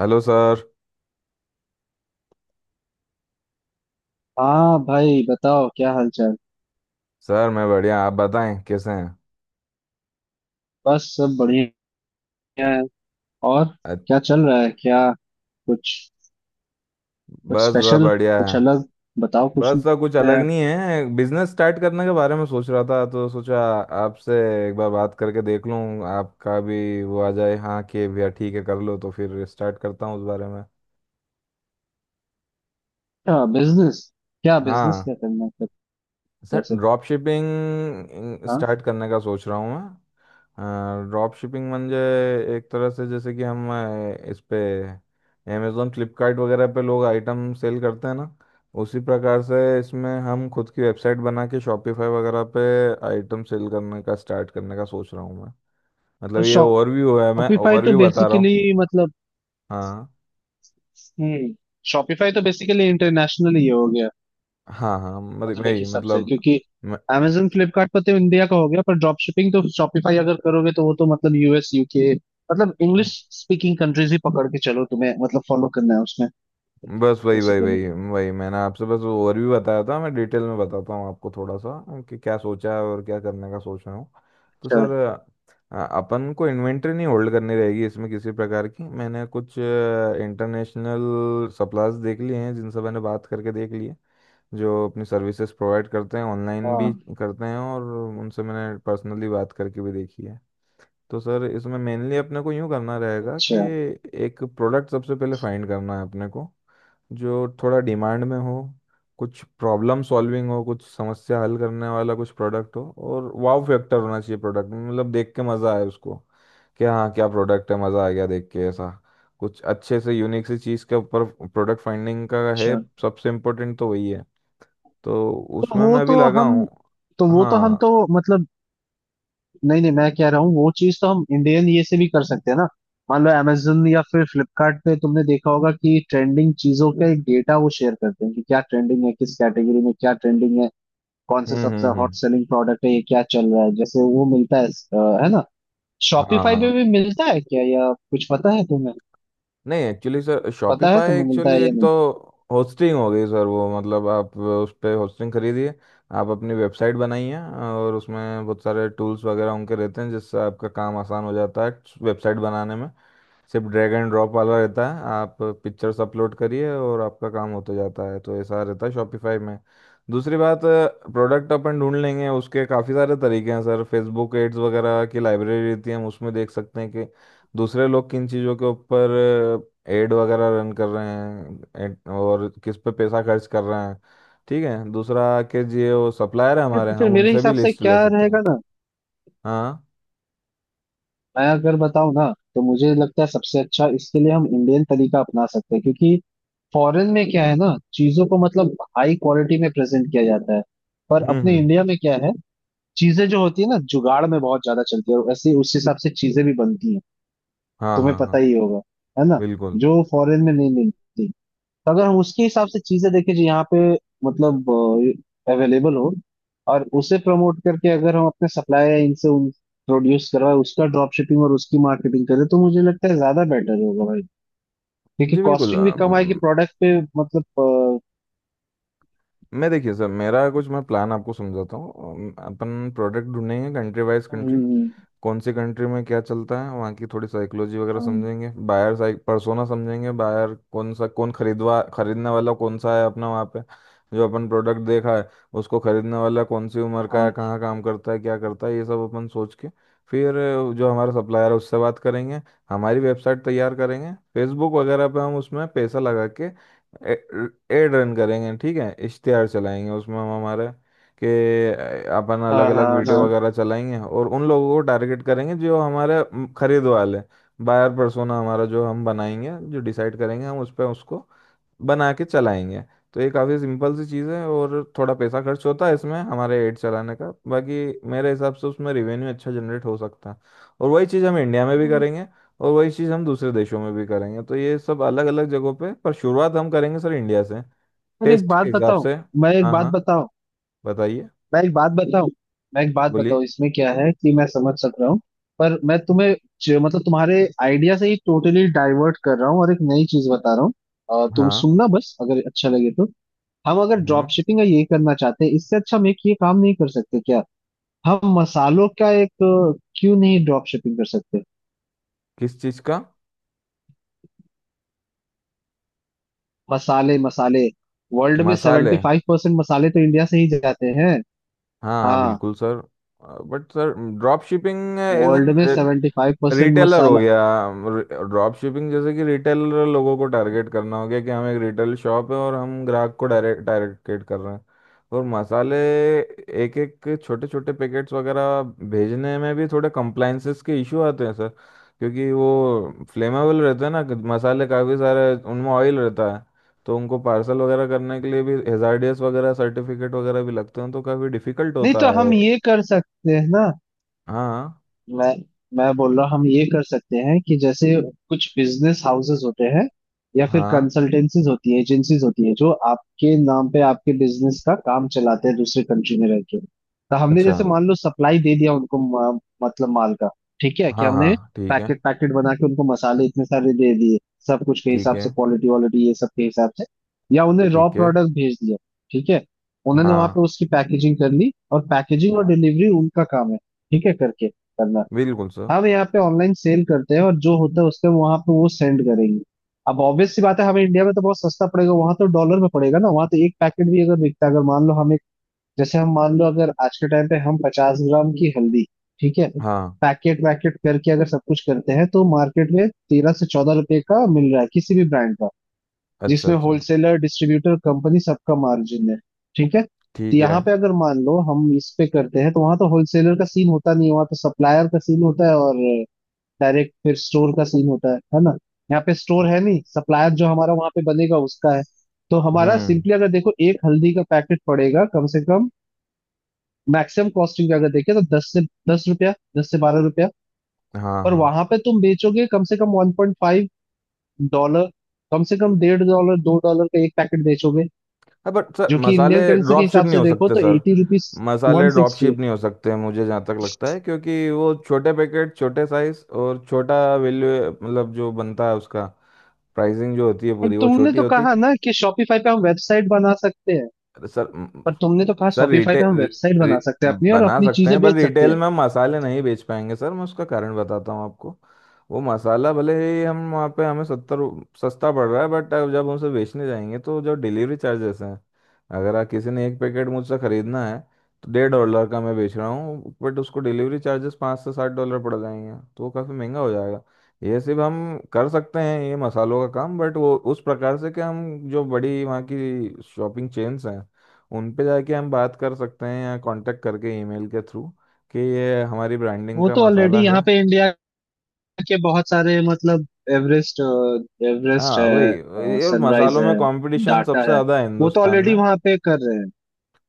Hello sir. हाँ भाई, बताओ क्या हालचाल। सर, मैं बढ़िया। आप बताएं कैसे हैं? बस सब बढ़िया है। और अ- क्या चल रहा है? क्या कुछ कुछ बस सब स्पेशल, बढ़िया है। कुछ अलग? बताओ कुछ बस सर, कुछ अलग नया। नहीं है। बिजनेस स्टार्ट करने के बारे में सोच रहा था तो सोचा आपसे एक बार बात करके देख लूं, आपका भी वो आ जाए, हाँ कि भैया ठीक है कर लो, तो फिर स्टार्ट करता हूँ उस बारे में। क्या बिजनेस क्या बिजनेस हाँ क्या करना है फिर? सर, वैसे, ड्रॉप शिपिंग हाँ। स्टार्ट करने का सोच रहा हूँ मैं। ड्रॉप शिपिंग म्हणजे एक तरह से जैसे कि हम इस पे अमेजोन फ्लिपकार्ट वगैरह पे लोग आइटम सेल करते हैं ना, उसी प्रकार से इसमें हम खुद की वेबसाइट बना के शॉपिफाई वगैरह पे आइटम सेल करने का स्टार्ट करने का सोच रहा हूँ मैं। तो मतलब ये ओवरव्यू है, मैं शॉपिफाई तो ओवरव्यू बता रहा हूँ। बेसिकली मतलब, हाँ, हम्म शॉपिफाई तो बेसिकली इंटरनेशनल ही हो गया। हाँ, हाँ मतलब मतलब मैं ही देखिए, सबसे मतलब क्योंकि मैं Amazon फ्लिपकार्ट पर तो इंडिया का हो गया, पर ड्रॉप शिपिंग तो शॉपिफाई अगर करोगे तो वो तो मतलब यूएस यूके, मतलब इंग्लिश स्पीकिंग कंट्रीज ही पकड़ के चलो, तुम्हें मतलब फॉलो करना है उसमें। बस वही वही बेसिकली वही वही मैंने आपसे बस ओवरव्यू बताया था। मैं डिटेल में बताता हूँ आपको थोड़ा सा कि क्या सोचा है और क्या करने का सोच रहा हूँ। तो अच्छा। सर, अपन को इन्वेंट्री नहीं होल्ड करनी रहेगी इसमें किसी प्रकार की। मैंने कुछ इंटरनेशनल सप्लायर्स देख लिए हैं जिनसे मैंने बात करके देख लिए, जो अपनी सर्विसेज प्रोवाइड करते हैं ऑनलाइन भी हाँ। करते हैं, और उनसे मैंने पर्सनली बात करके भी देखी है। तो सर, इसमें मेनली अपने को यूँ करना रहेगा कि अच्छा एक प्रोडक्ट सबसे पहले फाइंड करना है अपने को, जो थोड़ा डिमांड में हो, कुछ प्रॉब्लम सॉल्विंग हो, कुछ समस्या हल करने वाला कुछ प्रोडक्ट हो, और वाव फैक्टर होना चाहिए प्रोडक्ट में, मतलब देख के मज़ा आए उसको, कि हाँ क्या प्रोडक्ट है मज़ा आ गया देख के, ऐसा कुछ अच्छे से यूनिक सी चीज़ के ऊपर प्रोडक्ट फाइंडिंग का है। अच्छा। सबसे इम्पोर्टेंट तो वही है। तो तो उसमें वो मैं अभी तो लगा हम हूँ। तो वो तो हम हाँ, तो मतलब, नहीं नहीं, मैं कह रहा हूँ वो चीज तो हम इंडियन ये से भी कर सकते हैं ना। मान लो amazon या फिर फ्लिपकार्ट पे तुमने देखा होगा कि ट्रेंडिंग चीजों का एक डेटा वो शेयर करते हैं, कि क्या ट्रेंडिंग है, किस कैटेगरी में क्या ट्रेंडिंग है, कौन सा हम्म, सबसे हम्म, हॉट हम्म। सेलिंग प्रोडक्ट है, ये क्या चल रहा है, जैसे वो मिलता है। है ना? शॉपिफाई पे हाँ, भी मिलता है क्या, या कुछ पता है तुम्हें? नहीं एक्चुअली सर, पता है शॉपिफाई तुम्हें, मिलता एक्चुअली है या एक तो नहीं? होस्टिंग हो गई सर, वो मतलब आप उस पर होस्टिंग खरीदिए, आप अपनी वेबसाइट बनाइए और उसमें बहुत सारे टूल्स वगैरह उनके रहते हैं जिससे आपका काम आसान हो जाता है वेबसाइट बनाने में। सिर्फ ड्रैग एंड ड्रॉप वाला रहता है, आप पिक्चर्स अपलोड करिए और आपका काम होता जाता है, तो ऐसा रहता है शॉपिफाई में। दूसरी बात, प्रोडक्ट अपन ढूंढ लेंगे, उसके काफ़ी सारे तरीके हैं सर, फेसबुक एड्स वगैरह की लाइब्रेरी रहती है, हम उसमें देख सकते हैं कि दूसरे लोग किन चीज़ों के ऊपर एड वगैरह रन कर रहे हैं, और किस पे पैसा खर्च कर रहे हैं। ठीक है दूसरा, कि ये वो सप्लायर है अरे, हमारे, तो फिर हम मेरे उनसे भी हिसाब से लिस्ट ले क्या सकते रहेगा हैं। ना, हाँ, मैं अगर बताऊं ना, तो मुझे लगता है सबसे अच्छा इसके लिए हम इंडियन तरीका अपना सकते हैं। क्योंकि फॉरेन में क्या है ना, चीजों को मतलब हाई क्वालिटी में प्रेजेंट किया जाता है। पर हम्म, अपने हम्म। इंडिया में क्या है, चीजें जो होती है ना, जुगाड़ में बहुत ज्यादा चलती है, और ऐसे ही उस हिसाब से चीजें भी बनती हैं। हाँ, तुम्हें हाँ, पता हाँ, ही होगा, है ना? बिल्कुल। जो फॉरेन में नहीं मिलती। तो अगर हम उसके हिसाब से चीजें देखें जो यहाँ पे मतलब अवेलेबल हो, और उसे प्रमोट करके अगर हम अपने सप्लायर इनसे उन प्रोड्यूस करवाए, उसका ड्रॉप शिपिंग और उसकी मार्केटिंग करें, तो मुझे लगता है ज्यादा बेटर होगा भाई। क्योंकि जी बिल्कुल। कॉस्टिंग भी कम आएगी प्रोडक्ट पे। मतलब मैं देखिए सर, मेरा कुछ मैं प्लान आपको समझाता हूँ। अपन प्रोडक्ट ढूंढेंगे कंट्री वाइज। कंट्री हम्म, कौन सी कंट्री में क्या चलता है, वहाँ की थोड़ी साइकोलॉजी वगैरह हाँ समझेंगे, बायर साइक पर्सोना समझेंगे, बायर कौन सा, कौन खरीदवा खरीदने वाला कौन सा है अपना वहाँ पे, जो अपन प्रोडक्ट देखा है उसको खरीदने वाला कौन सी उम्र का है, कहाँ काम करता है, क्या करता है, ये सब अपन सोच के फिर जो हमारा सप्लायर है उससे बात करेंगे, हमारी वेबसाइट तैयार करेंगे, फेसबुक वगैरह पे हम उसमें पैसा लगा के एड रन करेंगे, ठीक है इश्तेहार चलाएंगे उसमें हम हमारे, कि अपन अलग हाँ अलग हाँ वीडियो हाँ। वगैरह चलाएंगे और उन लोगों को टारगेट करेंगे जो हमारे खरीद वाले बायर पर्सोना हमारा जो हम बनाएंगे, जो डिसाइड करेंगे, हम उस पर उसको बना के चलाएंगे। तो ये काफ़ी सिंपल सी चीज़ है और थोड़ा पैसा खर्च होता है इसमें हमारे एड चलाने का, बाकी मेरे हिसाब से उसमें रेवेन्यू अच्छा जनरेट हो सकता है। और वही चीज़ हम इंडिया में भी करेंगे, और वही चीज़ हम दूसरे देशों में भी करेंगे, तो ये सब अलग अलग जगहों पे पर शुरुआत हम करेंगे सर इंडिया से, और एक टेस्ट बात के हिसाब बताओ, से। मैं एक हाँ, बात हाँ। बताओ बताइए। मैं एक बात बताऊं मैं एक बात बोलिए। बताऊं, इसमें क्या है कि मैं समझ सक रहा हूँ, पर मैं तुम्हें मतलब तुम्हारे आइडिया से ही टोटली डाइवर्ट कर रहा हूँ और एक नई चीज बता रहा हूँ। तुम हाँ, सुनना, बस अगर अच्छा लगे तो। हम अगर ड्रॉप हम्म। शिपिंग या ये करना चाहते हैं, इससे अच्छा हम एक ये काम नहीं कर सकते क्या, हम मसालों का एक अ, क्यों नहीं ड्रॉप शिपिंग कर सकते? किस चीज का? मसाले, मसाले। वर्ल्ड में मसाले? सेवेंटी हाँ, फाइव परसेंट मसाले तो इंडिया से ही जाते हैं। हाँ, हाँ। बिल्कुल sir. But sir, drop shipping as world में an seventy five percent retailer हो मसाला। गया, ड्रॉप शिपिंग जैसे कि रिटेलर लोगों को टारगेट करना हो गया, कि हम एक रिटेल शॉप है और हम ग्राहक को डायरेक्ट टारगेट कर रहे हैं। और मसाले एक एक छोटे छोटे पैकेट्स वगैरह भेजने में भी थोड़े कंप्लाइंसेस के इशू आते हैं सर, क्योंकि वो फ्लेमेबल रहते हैं ना, मसाले काफ़ी सारे उनमें ऑयल रहता है, तो उनको पार्सल वगैरह करने के लिए भी हेजार्डियस वगैरह सर्टिफिकेट वगैरह भी लगते हैं, तो काफ़ी डिफिकल्ट नहीं, होता तो है। हम ये कर सकते हैं ना। हाँ, मैं मैं बोल रहा हूँ हम ये कर सकते हैं कि जैसे कुछ बिजनेस हाउसेस होते हैं, या फिर हाँ, कंसल्टेंसीज होती है, एजेंसीज होती है, जो आपके नाम पे आपके बिजनेस का काम चलाते हैं दूसरे कंट्री में रह के। तो हमने अच्छा। जैसे मान लो सप्लाई दे दिया उनको, मतलब माल का। ठीक है कि हाँ, हाँ, हमने ठीक है। पैकेट पैकेट बना के उनको मसाले इतने सारे दे दिए, सब कुछ के ठीक हिसाब है, से, क्वालिटी वालिटी ये सब के हिसाब से, या उन्हें रॉ ठीक है। प्रोडक्ट भेज दिया। ठीक है, उन्होंने वहां पे हाँ, उसकी पैकेजिंग कर ली, और पैकेजिंग और डिलीवरी उनका काम है। ठीक है, करके करना। बिल्कुल सर। हम यहाँ पे ऑनलाइन सेल करते हैं, और जो होता है उसके वहां पे वो सेंड करेंगे। अब ऑब्वियस सी बात है, हमें इंडिया में तो बहुत सस्ता पड़ेगा, वहां तो डॉलर में पड़ेगा ना। वहां तो एक पैकेट भी अगर बिकता है, अगर मान लो हम एक, जैसे हम मान लो अगर आज के टाइम पे हम 50 ग्राम की हल्दी, ठीक है, हाँ, पैकेट वैकेट करके अगर सब कुछ करते हैं, तो मार्केट में 13 से 14 रुपए का मिल रहा है किसी भी ब्रांड का, अच्छा, जिसमें अच्छा। होलसेलर डिस्ट्रीब्यूटर कंपनी सबका मार्जिन है। ठीक है, तो ठीक है, यहाँ पे अगर मान लो हम इस पे करते हैं, तो वहां तो होलसेलर का सीन होता नहीं है, वहां तो सप्लायर का सीन होता है, और डायरेक्ट फिर स्टोर का सीन होता है ना? यहाँ पे स्टोर है नहीं, सप्लायर जो हमारा वहां पे बनेगा उसका है। तो हमारा हम्म। सिंपली अगर देखो, एक हल्दी का पैकेट पड़ेगा कम से कम, मैक्सिमम कॉस्टिंग अगर देखें तो 10 रुपया, 10 से 12 रुपया। हाँ, और हाँ, वहां पे तुम बेचोगे कम से कम 1.5 डॉलर, कम से कम 1.5 डॉलर 2 डॉलर का एक पैकेट बेचोगे, हाँ। बट सर, जो कि मसाले इंडियन करेंसी के ड्रॉप शिप हिसाब नहीं से हो देखो सकते तो सर, 80 रुपीज, वन मसाले ड्रॉप सिक्सटी है। शिप नहीं हो सकते मुझे जहाँ तक लगता है, क्योंकि वो छोटे पैकेट, छोटे साइज और छोटा वैल्यू, मतलब जो बनता है उसका प्राइसिंग जो होती है पर पूरी वो तुमने छोटी तो होती है। कहा ना कि शॉपिफाई पे हम वेबसाइट बना सकते हैं? अरे सर, पर तुमने तो कहा सर शॉपिफाई पे हम रिटेल वेबसाइट बना सकते हैं अपनी, और बना अपनी सकते चीजें हैं, पर बेच सकते रिटेल हैं। में हम मसाले नहीं बेच पाएंगे सर, मैं उसका कारण बताता हूँ आपको। वो मसाला भले ही हम वहाँ पे हमें सत्तर सस्ता पड़ रहा है, बट जब हम उसे बेचने जाएंगे तो जो डिलीवरी चार्जेस हैं, अगर किसी ने एक पैकेट मुझसे खरीदना है, तो $1.5 का मैं बेच रहा हूँ बट उसको डिलीवरी चार्जेस 5 से 7 डॉलर पड़ जाएंगे, तो वो काफ़ी महंगा हो जाएगा। ये सिर्फ हम कर सकते हैं ये मसालों का काम, बट वो उस प्रकार से कि हम जो बड़ी वहाँ की शॉपिंग चेन्स हैं उन पे जाके हम बात कर सकते हैं या कांटेक्ट करके ईमेल के थ्रू कि ये हमारी ब्रांडिंग वो का तो ऑलरेडी मसाला है। यहाँ पे इंडिया के बहुत सारे, मतलब, एवरेस्ट एवरेस्ट हाँ वही, है, और सनराइज मसालों है, में कंपटीशन डाटा सबसे है। ज़्यादा है वो तो हिंदुस्तान ऑलरेडी में, वहां पे कर रहे हैं,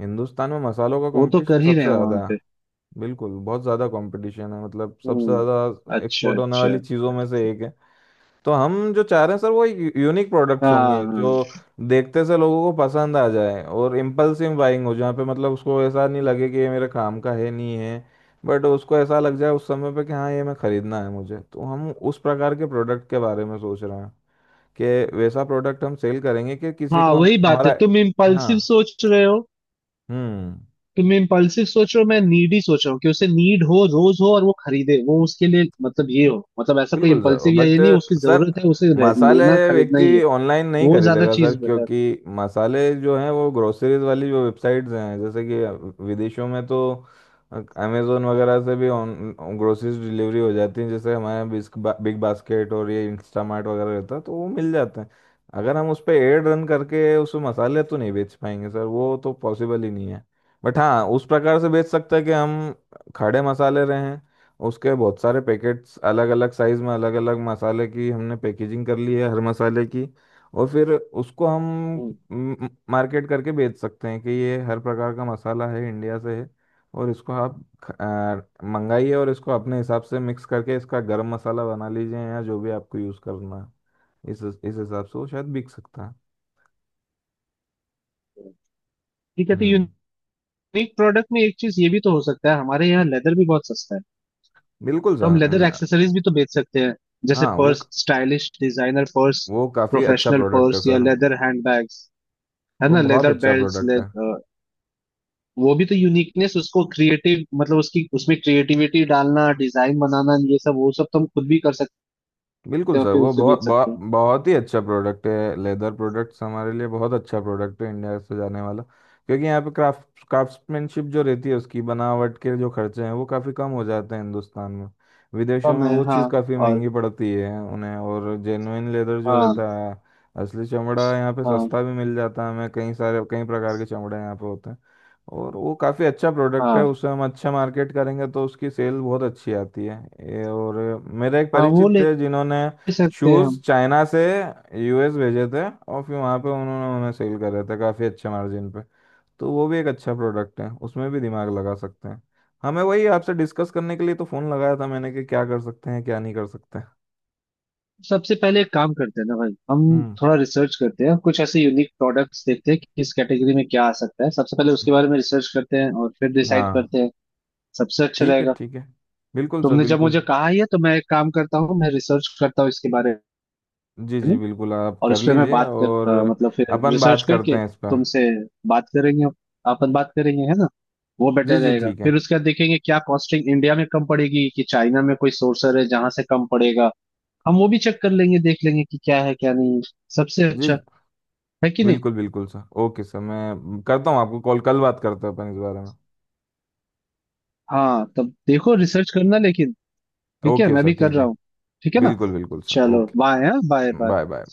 हिंदुस्तान में मसालों का वो तो कंपटीशन कर ही रहे सबसे हैं वहां ज़्यादा है। पे। बिल्कुल, बहुत ज़्यादा कंपटीशन है, मतलब सबसे हम्म, ज़्यादा अच्छा एक्सपोर्ट होने अच्छा, वाली चीज़ों में से अच्छा। एक है। तो हम जो चाह रहे हैं सर वो एक यूनिक प्रोडक्ट्स हाँ होंगे हाँ जो देखते से लोगों को पसंद आ जाए और इम्पल्सिव बाइंग हो जहाँ पे, मतलब उसको ऐसा नहीं लगे कि ये मेरे काम का है नहीं है, बट उसको ऐसा लग जाए उस समय पे कि हाँ ये मैं खरीदना है मुझे, तो हम उस प्रकार के प्रोडक्ट के बारे में सोच रहे हैं कि वैसा प्रोडक्ट हम सेल करेंगे कि किसी हाँ। को हम वही बात हमारा। है, हाँ, हम्म। तुम इम्पल्सिव सोच रहे हो, मैं नीडी सोच रहा हूँ, कि उसे नीड हो, रोज हो, और वो खरीदे, वो उसके लिए मतलब ये हो, मतलब ऐसा कोई बिल्कुल सर, इम्पल्सिव या ये बट नहीं, उसकी सर जरूरत है, उसे मसाले लेना खरीदना व्यक्ति ही है। ऑनलाइन नहीं वो ज्यादा खरीदेगा सर, चीज बेटर। क्योंकि मसाले जो हैं वो ग्रोसरीज वाली जो वेबसाइट्स हैं जैसे कि विदेशों में तो अमेजोन वगैरह से भी ऑन ग्रोसरीज डिलीवरी हो जाती है, जैसे हमारे यहाँ बिग बास्केट और ये इंस्टामार्ट वगैरह रहता है तो वो मिल जाते हैं। अगर हम उस पर एड रन करके उस मसाले तो नहीं बेच पाएंगे सर, वो तो पॉसिबल ही नहीं है। बट हाँ उस प्रकार से बेच सकते हैं कि हम खड़े मसाले रहें, उसके बहुत सारे पैकेट्स अलग अलग साइज में, अलग अलग मसाले की हमने पैकेजिंग कर ली है हर मसाले की, और फिर उसको हम मार्केट करके बेच सकते हैं कि ये हर प्रकार का मसाला है इंडिया से है, और इसको आप मंगाइए और इसको अपने हिसाब से मिक्स करके इसका गरम मसाला बना लीजिए या जो भी आपको यूज़ करना है, इस हिसाब से वो शायद बिक सकता है। ठीक है। तो हम्म, यूनिक प्रोडक्ट में एक चीज ये भी तो हो सकता है, हमारे यहाँ लेदर भी बहुत सस्ता है। बिल्कुल तो हम सर, लेदर एक्सेसरीज भी तो बेच सकते हैं, जैसे हाँ वो पर्स, स्टाइलिश डिजाइनर पर्स, वो काफ़ी अच्छा प्रोफेशनल प्रोडक्ट है पर्स या सर। Leather handbags. है वो ना? बहुत लेदर अच्छा बेल्ट। प्रोडक्ट है। वो भी तो यूनिकनेस, उसको क्रिएटिव मतलब उसकी उसमें क्रिएटिविटी डालना, डिजाइन बनाना, ये सब वो सब तो हम खुद भी कर सकते बिल्कुल हैं, और सर, फिर वो उसे बहुत बेच सकते बहुत हैं। बहुत ही अच्छा प्रोडक्ट है, लेदर प्रोडक्ट्स हमारे लिए बहुत अच्छा प्रोडक्ट है इंडिया से जाने वाला, क्योंकि यहाँ पे क्राफ्ट्समैनशिप जो रहती है उसकी बनावट के जो खर्चे हैं वो काफ़ी कम हो जाते हैं हिंदुस्तान में। विदेशों कम में है, वो हाँ। चीज़ काफ़ी और, महंगी पड़ती है उन्हें, और जेन्युइन लेदर जो हाँ। रहता है असली चमड़ा यहाँ पे हाँ सस्ता भी मिल जाता है हमें, कई सारे कई प्रकार के चमड़े यहाँ पे होते हैं। और वो काफ़ी अच्छा प्रोडक्ट है, हाँ उसे हम अच्छा मार्केट करेंगे तो उसकी सेल बहुत अच्छी आती है, ये और मेरे एक हाँ, वो परिचित ले थे जिन्होंने सकते हैं शूज़ हम। चाइना से यूएस भेजे थे और फिर वहाँ पे उन्होंने उन्हें सेल कर रहे थे काफ़ी अच्छे मार्जिन पे, तो वो भी एक अच्छा प्रोडक्ट है, उसमें भी दिमाग लगा सकते हैं। हमें वही आपसे डिस्कस करने के लिए तो फ़ोन लगाया था मैंने कि क्या कर सकते हैं क्या नहीं कर सकते। सबसे पहले एक काम करते हैं ना भाई, हम हम्म, थोड़ा रिसर्च करते हैं, कुछ ऐसे यूनिक प्रोडक्ट्स देखते हैं कि किस कैटेगरी में क्या आ सकता है, सबसे पहले उसके बारे में रिसर्च करते हैं और फिर डिसाइड हाँ, करते हैं, सबसे अच्छा ठीक है, रहेगा। ठीक है, बिल्कुल सर, तुमने जब मुझे बिल्कुल। कहा ही है तो मैं एक काम करता हूँ, मैं रिसर्च करता हूँ इसके बारे जी, जी में, बिल्कुल, आप और इस कर पे मैं लीजिए बात कर और मतलब फिर अपन रिसर्च बात करते करके हैं इस पर। तुमसे बात करेंगे, अपन बात करेंगे, है ना? वो जी, बेटर जी रहेगा। ठीक है फिर उसके बाद देखेंगे क्या कॉस्टिंग इंडिया में कम पड़ेगी, कि चाइना में कोई सोर्सर है जहां से कम पड़ेगा, हम वो भी चेक कर लेंगे, देख लेंगे कि क्या है क्या नहीं है। सबसे जी, अच्छा है कि नहीं। बिल्कुल बिल्कुल सर, ओके सर, मैं करता हूँ आपको कॉल, कल बात करते हैं अपन इस बारे में। हाँ, तब देखो, रिसर्च करना लेकिन। ठीक है, ओके मैं सर भी कर ठीक रहा है, हूँ। ठीक है ना। बिल्कुल बिल्कुल सर, चलो ओके। बाय। हाँ, बाय बाय। Bye, bye.